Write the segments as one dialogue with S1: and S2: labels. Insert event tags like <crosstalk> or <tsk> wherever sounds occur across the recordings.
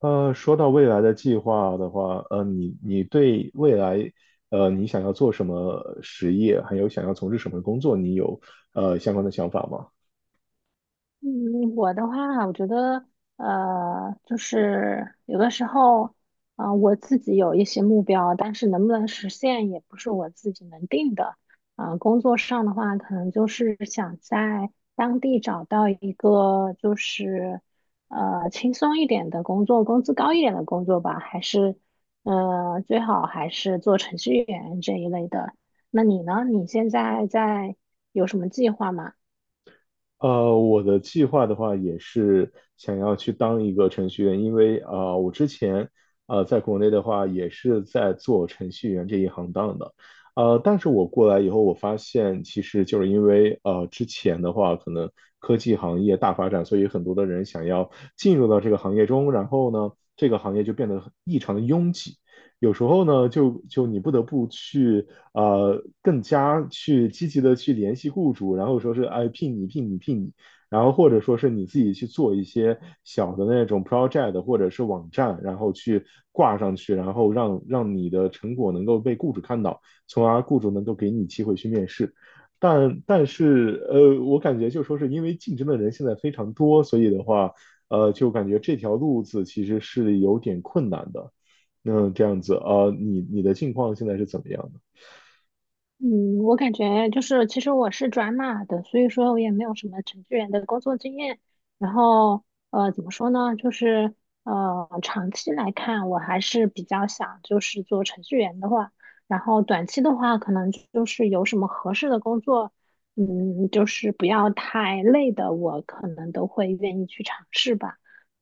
S1: 说到未来的计划的话，你对未来，你想要做什么实业，还有想要从事什么工作，你有相关的想法吗？
S2: 嗯，我的话，我觉得，就是有的时候，啊、我自己有一些目标，但是能不能实现也不是我自己能定的。啊、工作上的话，可能就是想在当地找到一个就是，轻松一点的工作，工资高一点的工作吧，还是，最好还是做程序员这一类的。那你呢？你现在在有什么计划吗？
S1: 我的计划的话也是想要去当一个程序员，因为我之前在国内的话也是在做程序员这一行当的。但是我过来以后，我发现其实就是因为之前的话可能科技行业大发展，所以很多的人想要进入到这个行业中。然后呢，这个行业就变得很异常的拥挤。有时候呢，就你不得不去更加去积极的去联系雇主，然后说是哎聘你聘你聘你，然后或者说是你自己去做一些小的那种 project 或者是网站，然后去挂上去，然后让你的成果能够被雇主看到，从而雇主能够给你机会去面试。但是我感觉就说是因为竞争的人现在非常多，所以的话，就感觉这条路子其实是有点困难的。那这样子啊，你的境况现在是怎么样的？
S2: 嗯，我感觉就是，其实我是转码的，所以说我也没有什么程序员的工作经验。然后，呃，怎么说呢？就是，长期来看，我还是比较想就是做程序员的话，然后短期的话，可能就是有什么合适的工作，嗯，就是不要太累的，我可能都会愿意去尝试吧。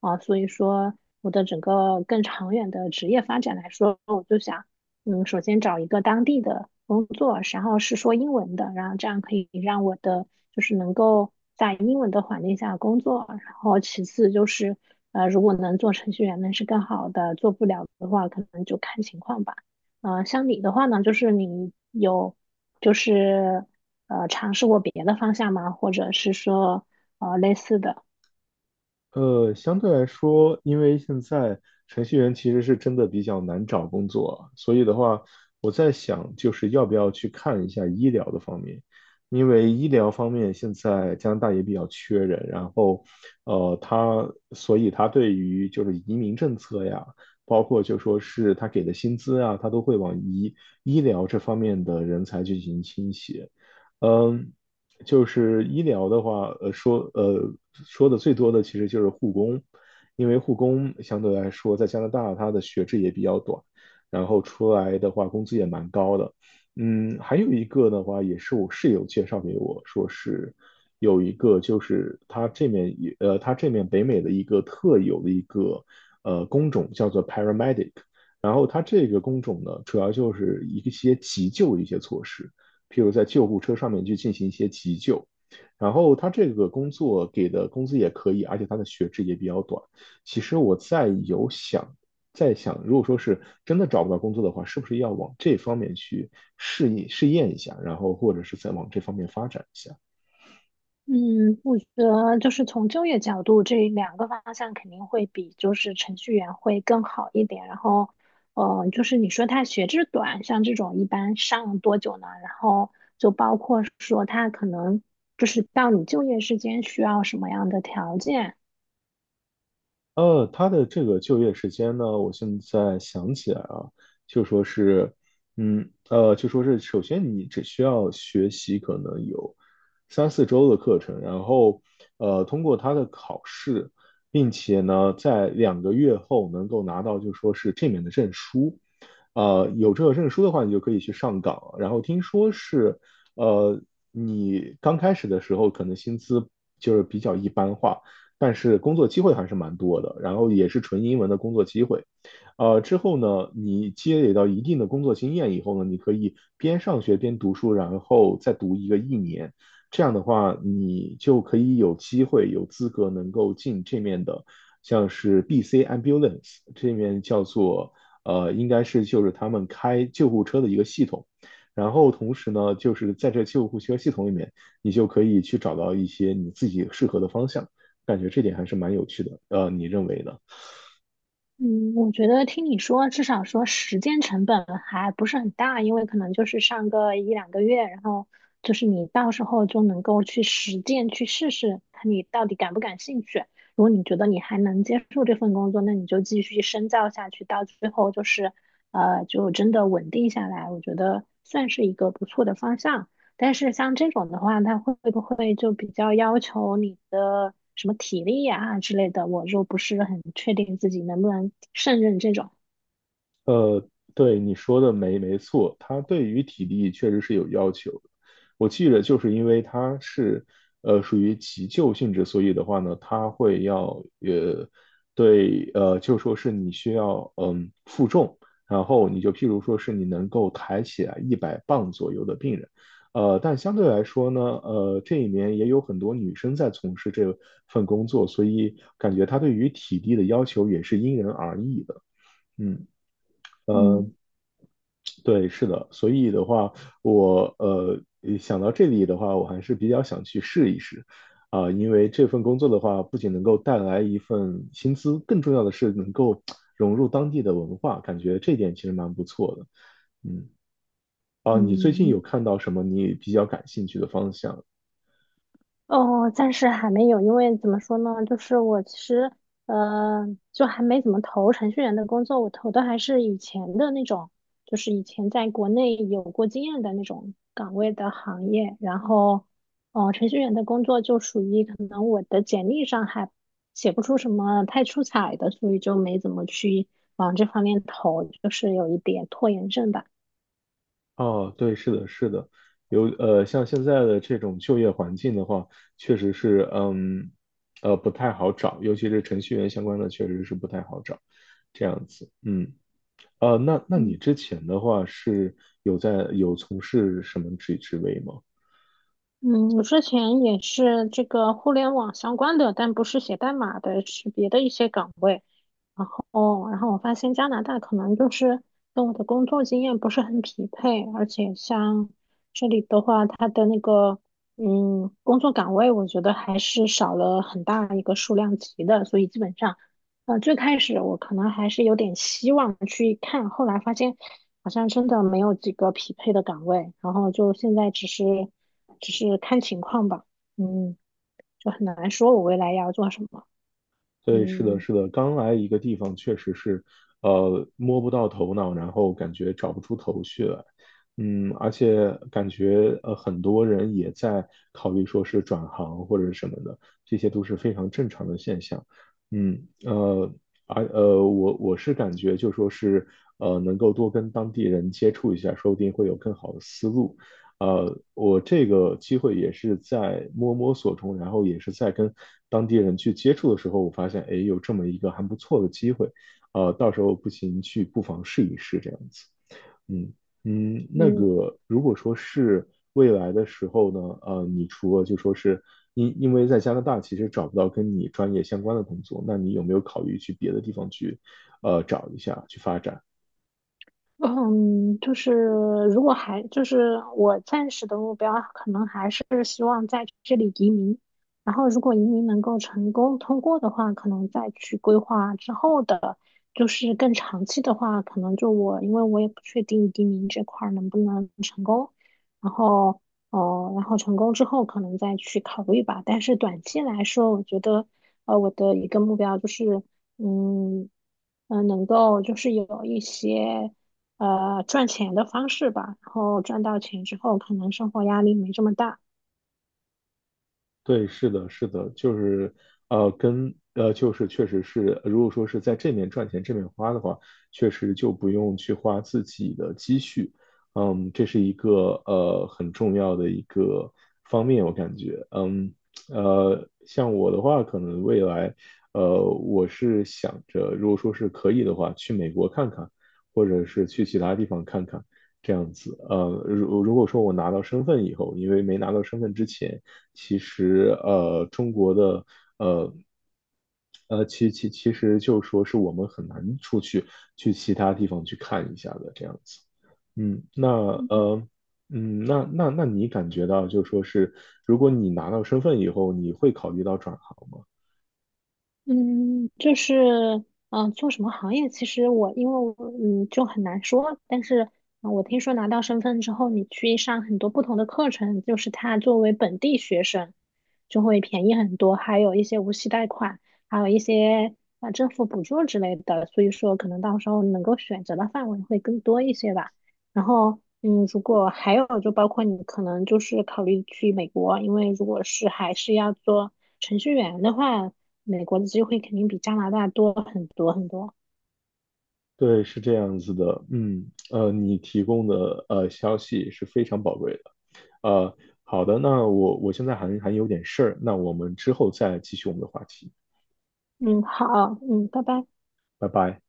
S2: 啊，所以说我的整个更长远的职业发展来说，我就想。嗯，首先找一个当地的工作，然后是说英文的，然后这样可以让我的就是能够在英文的环境下工作。然后其次就是，如果能做程序员，那是更好的；做不了的话，可能就看情况吧。呃，像你的话呢，就是你有就是尝试过别的方向吗？或者是说类似的？
S1: 相对来说，因为现在程序员其实是真的比较难找工作，所以的话，我在想，就是要不要去看一下医疗的方面，因为医疗方面现在加拿大也比较缺人。然后，他所以他对于就是移民政策呀，包括就说是他给的薪资啊，他都会往医疗这方面的人才去进行倾斜。嗯，就是医疗的话，说的最多的其实就是护工，因为护工相对来说在加拿大它的学制也比较短，然后出来的话工资也蛮高的。嗯，还有一个的话也是我室友介绍给我说是有一个就是他这面也他这面北美的一个特有的一个工种叫做 paramedic,然后他这个工种呢主要就是一些急救的一些措施。譬如在救护车上面去进行一些急救。然后他这个工作给的工资也可以，而且他的学制也比较短。其实我在有想，在想，如果说是真的找不到工作的话，是不是要往这方面去试一试验一下，然后或者是再往这方面发展一下？
S2: 嗯，我觉得就是从就业角度，这两个方向肯定会比就是程序员会更好一点。然后，呃，就是你说他学制短，像这种一般上多久呢？然后就包括说他可能就是到你就业时间需要什么样的条件，
S1: 他的这个就业时间呢，我现在想起来啊，就说是，就说是，首先你只需要学习可能有三四周的课程。然后，通过他的考试，并且呢，在两个月后能够拿到就说是这面的证书。有这个证书的话，你就可以去上岗了。然后听说是，呃，你刚开始的时候可能薪资就是比较一般化。但是工作机会还是蛮多的，然后也是纯英文的工作机会。之后呢，你积累到一定的工作经验以后呢，你可以边上学边读书，然后再读一个一年。这样的话，你就可以有机会、有资格能够进这面的，像是 BC Ambulance 这面叫做应该是就是他们开救护车的一个系统。然后同时呢，就是在这救护车系统里面，你就可以去找到一些你自己适合的方向。感觉这点还是蛮有趣的。你认为呢？
S2: 嗯，我觉得听你说，至少说实践成本还不是很大，因为可能就是上个一两个月，然后就是你到时候就能够去实践去试试，看你到底感不感兴趣。如果你觉得你还能接受这份工作，那你就继续深造下去，到最后就是就真的稳定下来，我觉得算是一个不错的方向。但是像这种的话，它会不会就比较要求你的什么体力呀、之类的？我就不是很确定自己能不能胜任这种。
S1: 呃，对，你说的没错，他对于体力确实是有要求的。我记着，就是因为他是属于急救性质，所以的话呢，他会要就说是你需要嗯负重，然后你就譬如说是你能够抬起来100磅左右的病人。但相对来说呢，这里面也有很多女生在从事这份工作，所以感觉他对于体力的要求也是因人而异的，嗯。
S2: 嗯
S1: 对，是的，所以的话，我想到这里的话，我还是比较想去试一试。啊、因为这份工作的话，不仅能够带来一份薪资，更重要的是能够 <tsk> 融入当地的文化，感觉这点其实蛮不错的。嗯，啊、你最近
S2: 嗯，
S1: 有
S2: 嗯
S1: 看到什么你比较感兴趣的方向？
S2: 哦，暂时还没有，因为怎么说呢，就是我其实呃，就还没怎么投程序员的工作，我投的还是以前的那种，就是以前在国内有过经验的那种岗位的行业。然后，哦、程序员的工作就属于可能我的简历上还写不出什么太出彩的，所以就没怎么去往这方面投，就是有一点拖延症吧。
S1: 哦，对，是的，是的，有像现在的这种就业环境的话，确实是，嗯，不太好找，尤其是程序员相关的，确实是不太好找，这样子，那你
S2: 嗯。
S1: 之前的话是有在有从事什么职位吗？
S2: 嗯，我之前也是这个互联网相关的，但不是写代码的，是别的一些岗位。然后，然后我发现加拿大可能就是跟我的工作经验不是很匹配，而且像这里的话，它的那个工作岗位，我觉得还是少了很大一个数量级的，所以基本上最开始我可能还是有点希望去看，后来发现好像真的没有几个匹配的岗位，然后就现在只是看情况吧，嗯，就很难说我未来要做什么，
S1: 对，是的，
S2: 嗯。
S1: 是的，刚来一个地方确实是，摸不到头脑，然后感觉找不出头绪来，嗯，而且感觉很多人也在考虑说是转行或者什么的，这些都是非常正常的现象。嗯，呃，而我是感觉就说是能够多跟当地人接触一下，说不定会有更好的思路。我这个机会也是在摸索中，然后也是在跟当地人去接触的时候，我发现，哎，有这么一个还不错的机会。到时候不行去不妨试一试这样子。嗯嗯，那
S2: 嗯。
S1: 个如果说是未来的时候呢，你除了就说是因为在加拿大其实找不到跟你专业相关的工作，那你有没有考虑去别的地方去，找一下去发展？
S2: 嗯，就是如果还就是我暂时的目标，可能还是希望在这里移民。然后，如果移民能够成功通过的话，可能再去规划之后的，就是更长期的话，可能就我，因为我也不确定移民这块儿能不能成功。然后，哦、然后成功之后可能再去考虑吧。但是短期来说，我觉得，呃，我的一个目标就是，嗯。嗯，能够就是有一些赚钱的方式吧，然后赚到钱之后，可能生活压力没这么大。
S1: 对，是的，是的，就是，就是确实是，如果说是在这面赚钱，这面花的话，确实就不用去花自己的积蓄，嗯，这是一个很重要的一个方面，我感觉，嗯。像我的话，可能未来，我是想着，如果说是可以的话，去美国看看，或者是去其他地方看看这样子。如果说我拿到身份以后，因为没拿到身份之前，其实中国的呃。其实就说是我们很难出去去其他地方去看一下的这样子。嗯，那
S2: 嗯
S1: 呃，嗯，那那那你感觉到就说是，如果你拿到身份以后，你会考虑到转行吗？
S2: 嗯，就是，嗯、做什么行业？其实我因为我嗯就很难说，但是、我听说拿到身份之后，你去上很多不同的课程，就是他作为本地学生就会便宜很多，还有一些无息贷款，还有一些啊、政府补助之类的，所以说可能到时候能够选择的范围会更多一些吧。然后，嗯，如果还有就包括你可能就是考虑去美国，因为如果是还是要做程序员的话。美国的机会肯定比加拿大多很多很多。
S1: 对，是这样子的。嗯，你提供的消息是非常宝贵的。呃，好的，那我现在还有点事儿，那我们之后再继续我们的话题，
S2: 嗯，好，嗯，拜拜。
S1: 拜拜。